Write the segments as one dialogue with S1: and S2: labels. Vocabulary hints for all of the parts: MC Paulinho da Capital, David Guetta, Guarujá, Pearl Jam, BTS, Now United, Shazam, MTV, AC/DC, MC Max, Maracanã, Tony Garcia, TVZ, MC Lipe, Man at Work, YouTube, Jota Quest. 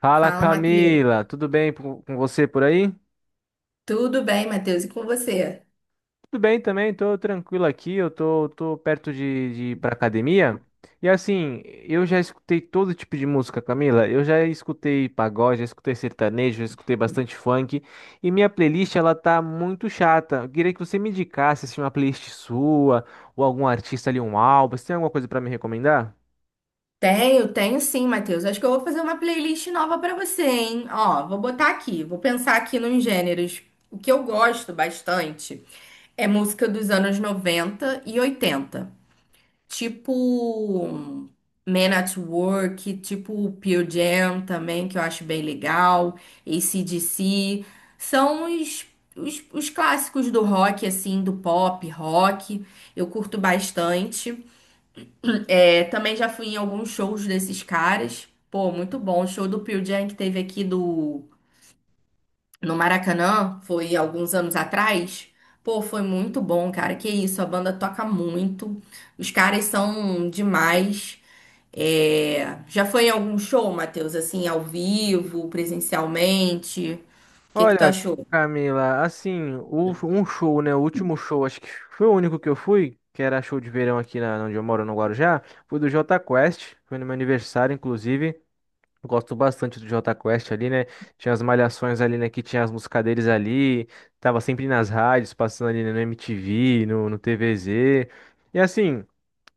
S1: Fala,
S2: Fala, Matheus.
S1: Camila, tudo bem com você por aí?
S2: Tudo bem, Matheus? E com você?
S1: Tudo bem também, tô tranquilo aqui, eu tô perto de ir pra academia. E assim, eu já escutei todo tipo de música, Camila. Eu já escutei pagode, já escutei sertanejo, já escutei bastante funk. E minha playlist, ela tá muito chata. Eu queria que você me indicasse, assim, uma playlist sua, ou algum artista ali, um álbum. Você tem alguma coisa pra me recomendar?
S2: Tenho sim, Matheus. Acho que eu vou fazer uma playlist nova pra você, hein? Ó, vou botar aqui, vou pensar aqui nos gêneros. O que eu gosto bastante é música dos anos 90 e 80, tipo hum, Man at Work, tipo Pearl Jam também, que eu acho bem legal, AC/DC. São os clássicos do rock, assim, do pop, rock. Eu curto bastante. É, também já fui em alguns shows desses caras. Pô, muito bom. O show do Pearl Jam que teve aqui do no Maracanã, foi alguns anos atrás. Pô, foi muito bom, cara. Que isso, a banda toca muito. Os caras são demais. É, já foi em algum show, Matheus? Assim, ao vivo, presencialmente? O que que tu
S1: Olha,
S2: achou?
S1: Camila, assim, um show, né? O último show, acho que foi o único que eu fui, que era show de verão aqui onde eu moro, no Guarujá, foi do Jota Quest, foi no meu aniversário, inclusive. Eu gosto bastante do Jota Quest ali, né? Tinha as malhações ali, né? Que tinha as músicas deles ali, tava sempre nas rádios, passando ali, né, no MTV, no TVZ. E assim.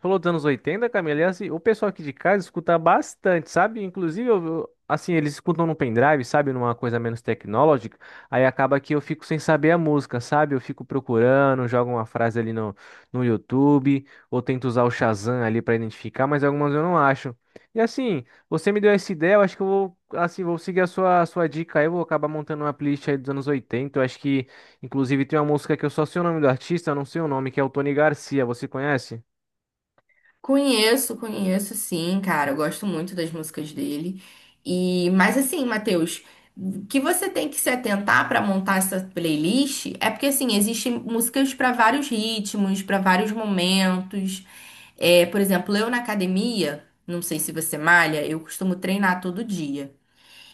S1: Falou dos anos oitenta, Camila, e assim, o pessoal aqui de casa escuta bastante, sabe? Inclusive, assim, eles escutam no pendrive, sabe? Numa coisa menos tecnológica, aí acaba que eu fico sem saber a música, sabe? Eu fico procurando, jogo uma frase ali no YouTube, ou tento usar o Shazam ali pra identificar, mas algumas eu não acho. E assim, você me deu essa ideia, eu acho que eu vou, assim, vou seguir a sua dica aí. Eu vou acabar montando uma playlist aí dos anos oitenta, eu acho que, inclusive, tem uma música que eu só sei o nome do artista, eu não sei o nome, que é o Tony Garcia. Você conhece?
S2: Conheço sim, cara. Eu gosto muito das músicas dele. E, mas assim, Matheus, o que você tem que se atentar para montar essa playlist é porque assim, existem músicas para vários ritmos, para vários momentos. É, por exemplo, eu na academia, não sei se você malha, eu costumo treinar todo dia.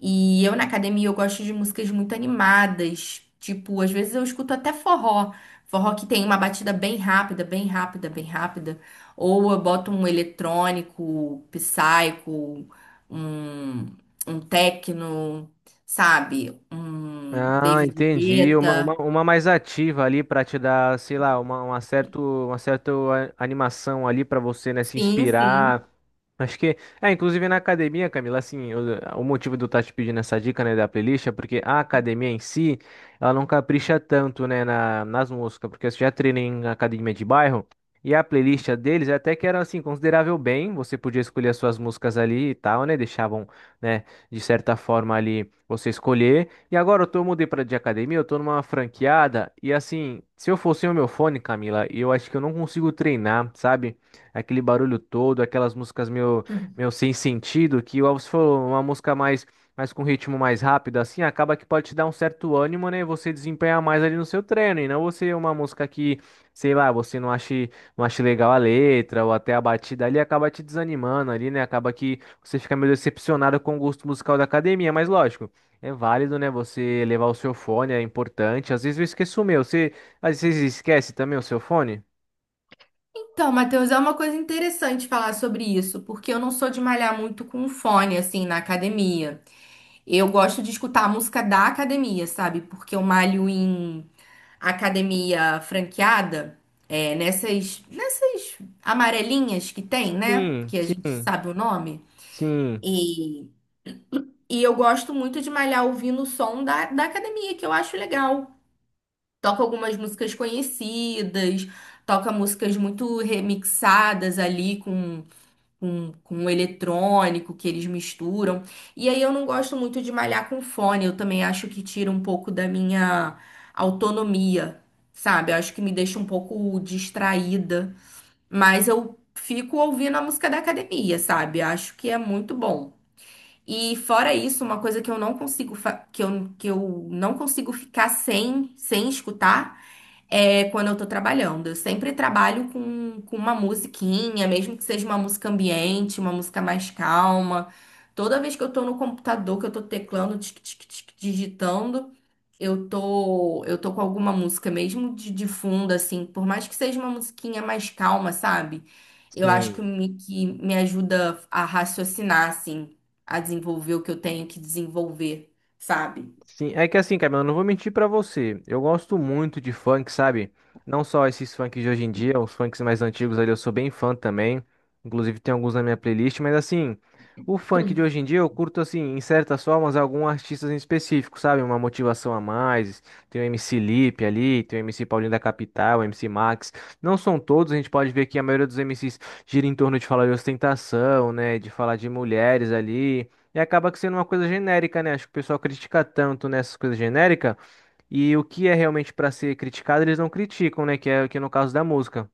S2: E eu na academia eu gosto de músicas muito animadas, tipo, às vezes eu escuto até forró, forró que tem uma batida bem rápida, bem rápida, bem rápida, ou eu boto um eletrônico, psycho, um um techno, sabe? Um
S1: Ah,
S2: David
S1: entendi. Uma, uma,
S2: Guetta.
S1: uma mais ativa ali para te dar, sei lá, uma certa animação ali para você, né, se
S2: Sim, sim.
S1: inspirar. Acho que, é, inclusive na academia, Camila, assim, o motivo de eu estar te pedindo essa dica, né, da playlist é porque a academia em si, ela não capricha tanto, né, nas músicas, porque eu já treinei em academia de bairro, e a playlist deles até que era, assim, considerável bem, você podia escolher as suas músicas ali e tal, né, deixavam, né, de certa forma ali você escolher. E agora eu tô, mudei pra de academia, eu tô numa franqueada, e assim, se eu fosse o meu fone, Camila, eu acho que eu não consigo treinar, sabe? Aquele barulho todo, aquelas músicas meu, meu, sem sentido, que ó, se for uma música mais com ritmo mais rápido, assim, acaba que pode te dar um certo ânimo, né? E você desempenhar mais ali no seu treino, e não você uma música que, sei lá, você não ache legal a letra, ou até a batida ali, acaba te desanimando ali, né? Acaba que você fica meio decepcionado com o gosto musical da academia, mas lógico. É válido, né? Você levar o seu fone, é importante. Às vezes eu esqueço o meu. Você, às vezes esquece também o seu fone?
S2: Então, Matheus, é uma coisa interessante falar sobre isso, porque eu não sou de malhar muito com fone, assim, na academia. Eu gosto de escutar a música da academia, sabe? Porque eu malho em academia franqueada, é, nessas amarelinhas que tem, né?
S1: Sim,
S2: Que a gente
S1: sim,
S2: sabe o nome.
S1: sim,
S2: E, e eu gosto muito de malhar ouvindo o som da academia, que eu acho legal. Toca algumas músicas conhecidas, toca músicas muito remixadas ali com o eletrônico que eles misturam. E aí eu não gosto muito de malhar com fone, eu também acho que tira um pouco da minha autonomia, sabe? Eu acho que me deixa um pouco distraída, mas eu fico ouvindo a música da academia, sabe? Acho que é muito bom. E fora isso, uma coisa que eu não consigo que eu não consigo ficar sem escutar é quando eu tô trabalhando. Eu sempre trabalho com uma musiquinha, mesmo que seja uma música ambiente, uma música mais calma. Toda vez que eu tô no computador, que eu tô teclando, tic, tic, tic, digitando, eu tô com alguma música mesmo de fundo, assim, por mais que seja uma musiquinha mais calma, sabe? Eu acho que
S1: sim.
S2: me, que me ajuda a raciocinar, assim, a desenvolver o que eu tenho que desenvolver, sabe?
S1: Sim, é que assim, Camila, eu não vou mentir pra você. Eu gosto muito de funk, sabe? Não só esses funks de hoje em dia, os funks mais antigos ali, eu sou bem fã também. Inclusive tem alguns na minha playlist, mas assim, o funk de hoje em dia eu curto assim, em certas formas, alguns artistas em específico, sabe? Uma motivação a mais. Tem o MC Lipe ali, tem o MC Paulinho da Capital, o MC Max. Não são todos, a gente pode ver que a maioria dos MCs gira em torno de falar de ostentação, né? De falar de mulheres ali. E acaba que sendo uma coisa genérica, né? Acho que o pessoal critica tanto nessas coisas genéricas e o que é realmente pra ser criticado eles não criticam, né? Que é no caso da música.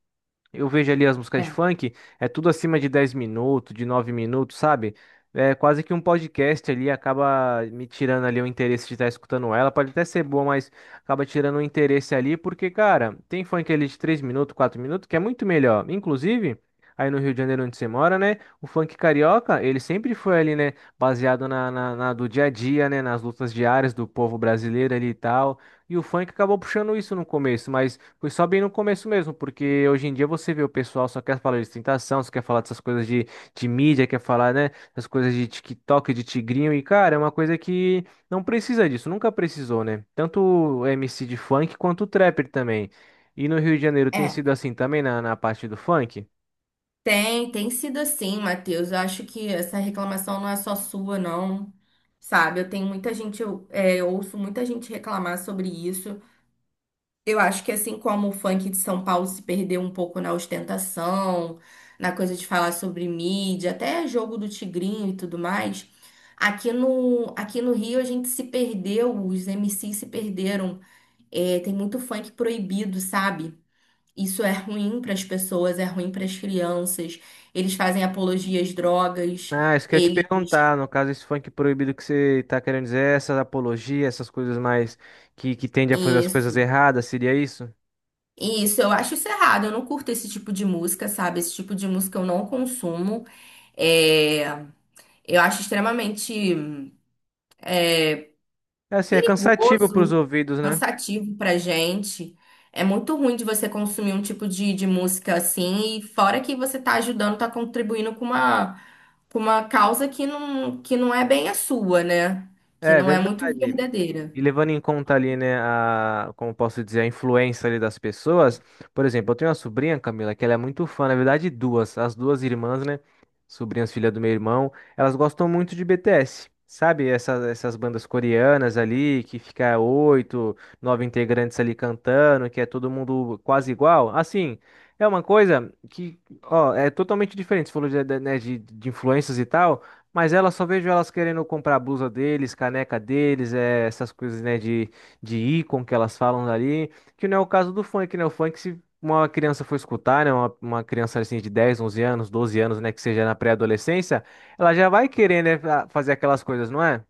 S1: Eu vejo ali as músicas de funk, é tudo acima de 10 minutos, de 9 minutos, sabe? É quase que um podcast ali, acaba me tirando ali o interesse de estar escutando ela. Pode até ser boa, mas acaba tirando o interesse ali, porque, cara, tem funk ali de 3 minutos, 4 minutos, que é muito melhor. Inclusive, aí no Rio de Janeiro, onde você mora, né? O funk carioca, ele sempre foi ali, né? Baseado na do dia a dia, né? Nas lutas diárias do povo brasileiro ali e tal. E o funk acabou puxando isso no começo, mas. Foi só bem no começo mesmo, porque hoje em dia você vê o pessoal só quer falar de ostentação, só quer falar dessas coisas de mídia, quer falar, né, essas coisas de TikTok, de tigrinho, e cara, é uma coisa que não precisa disso, nunca precisou, né? Tanto o MC de funk quanto o trapper também. E no Rio de Janeiro tem
S2: É.
S1: sido assim também na parte do funk?
S2: Tem sido assim, Matheus. Eu acho que essa reclamação não é só sua, não. Sabe, eu tenho muita gente, eu ouço muita gente reclamar sobre isso. Eu acho que assim como o funk de São Paulo se perdeu um pouco na ostentação, na coisa de falar sobre mídia, até jogo do Tigrinho e tudo mais, aqui no Rio a gente se perdeu, os MCs se perderam. É, tem muito funk proibido, sabe? Isso é ruim para as pessoas, é ruim para as crianças. Eles fazem apologias às drogas,
S1: Ah, isso que eu ia te
S2: eles.
S1: perguntar, no caso, esse funk proibido que você tá querendo dizer, essa apologia, essas coisas mais que tende a fazer as coisas
S2: Isso.
S1: erradas, seria isso?
S2: Isso, eu acho isso errado. Eu não curto esse tipo de música, sabe? Esse tipo de música eu não consumo. É, eu acho extremamente
S1: É assim, é cansativo pros
S2: perigoso,
S1: ouvidos, né?
S2: cansativo pra gente. É muito ruim de você consumir um tipo de música assim, e fora que você tá ajudando, tá contribuindo com uma causa que não é bem a sua, né? Que
S1: É,
S2: não é muito
S1: verdade.
S2: verdadeira.
S1: E levando em conta ali, né, a, como eu posso dizer, a influência ali das pessoas. Por exemplo, eu tenho uma sobrinha, Camila, que ela é muito fã, na verdade, as duas irmãs, né, sobrinhas, filha do meu irmão, elas gostam muito de BTS. Sabe, essas bandas coreanas ali, que fica oito, nove integrantes ali cantando, que é todo mundo quase igual. Assim, é uma coisa que, ó, é totalmente diferente. Você falou né, de influências e tal. Mas ela só vejo elas querendo comprar a blusa deles, caneca deles, essas coisas, né, de ícone que elas falam ali, que não é o caso do funk, né? O funk, se uma criança for escutar, né, uma criança assim de 10, 11 anos, 12 anos, né, que seja na pré-adolescência, ela já vai querer, né, fazer aquelas coisas, não é?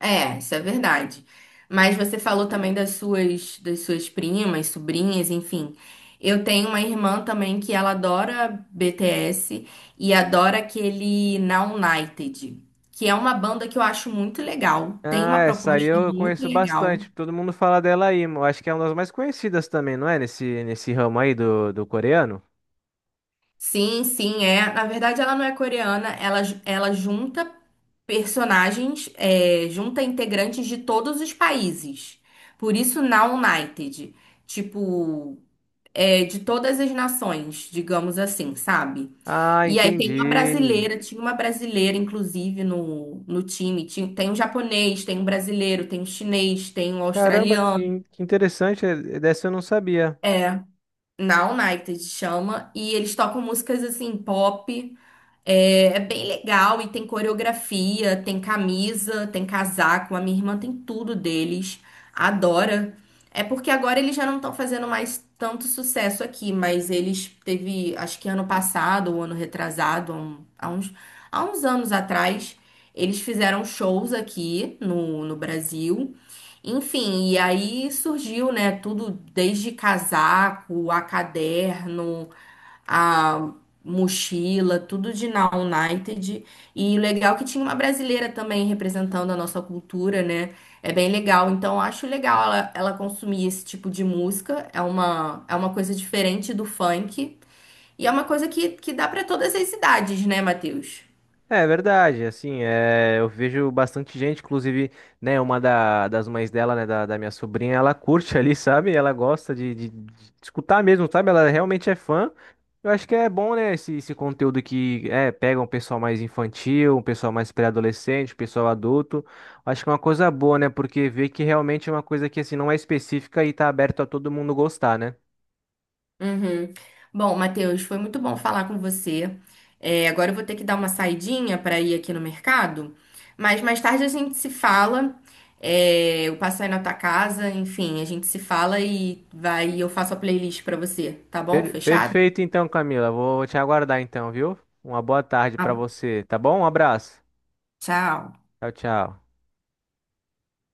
S2: É, isso é verdade. Mas você falou também das suas primas, sobrinhas, enfim. Eu tenho uma irmã também que ela adora BTS e adora aquele Now United, que é uma banda que eu acho muito legal. Tem
S1: Ah,
S2: uma
S1: essa aí
S2: proposta
S1: eu
S2: muito
S1: conheço
S2: legal.
S1: bastante, todo mundo fala dela aí, eu acho que é uma das mais conhecidas também, não é? Nesse ramo aí do coreano.
S2: Sim, sim, é. Na verdade, ela não é coreana, ela, ela junta personagens, é, junta integrantes de todos os países. Por isso, Now United. Tipo, é, de todas as nações, digamos assim, sabe?
S1: Ah,
S2: E aí tem uma
S1: entendi.
S2: brasileira, tinha uma brasileira, inclusive, no time. Tinha, tem um japonês, tem um brasileiro, tem um chinês, tem um
S1: Caramba,
S2: australiano.
S1: que interessante, dessa eu não sabia.
S2: Na United chama. E eles tocam músicas assim, pop. É, é bem legal e tem coreografia, tem camisa, tem casaco. A minha irmã tem tudo deles. Adora. É porque agora eles já não estão fazendo mais tanto sucesso aqui, mas eles teve, acho que ano passado ou ano retrasado, há uns anos atrás, eles fizeram shows aqui no Brasil. Enfim, e aí surgiu, né, tudo desde casaco a caderno a mochila, tudo de Na United. E legal que tinha uma brasileira também representando a nossa cultura, né? É bem legal. Então, eu acho legal ela consumir esse tipo de música. É uma coisa diferente do funk. E é uma coisa que dá para todas as idades, né, Matheus?
S1: É verdade, assim, é, eu vejo bastante gente, inclusive, né, uma das mães dela, né, da minha sobrinha, ela curte ali, sabe? Ela gosta de escutar mesmo, sabe? Ela realmente é fã. Eu acho que é bom, né, esse conteúdo que, é, pega um pessoal mais infantil, um pessoal mais pré-adolescente, um pessoal adulto. Acho que é uma coisa boa, né, porque vê que realmente é uma coisa que, assim, não é específica e tá aberto a todo mundo gostar, né?
S2: Uhum. Bom, Matheus, foi muito bom falar com você. É, agora eu vou ter que dar uma saidinha para ir aqui no mercado, mas mais tarde a gente se fala. É, eu passo aí na tua casa, enfim, a gente se fala e vai, eu faço a playlist para você, tá bom?
S1: Per-
S2: Fechado?
S1: perfeito, então, Camila, vou te aguardar, então, viu? Uma boa tarde pra
S2: Ah,
S1: você, tá bom? Um abraço.
S2: tchau.
S1: Tchau, tchau.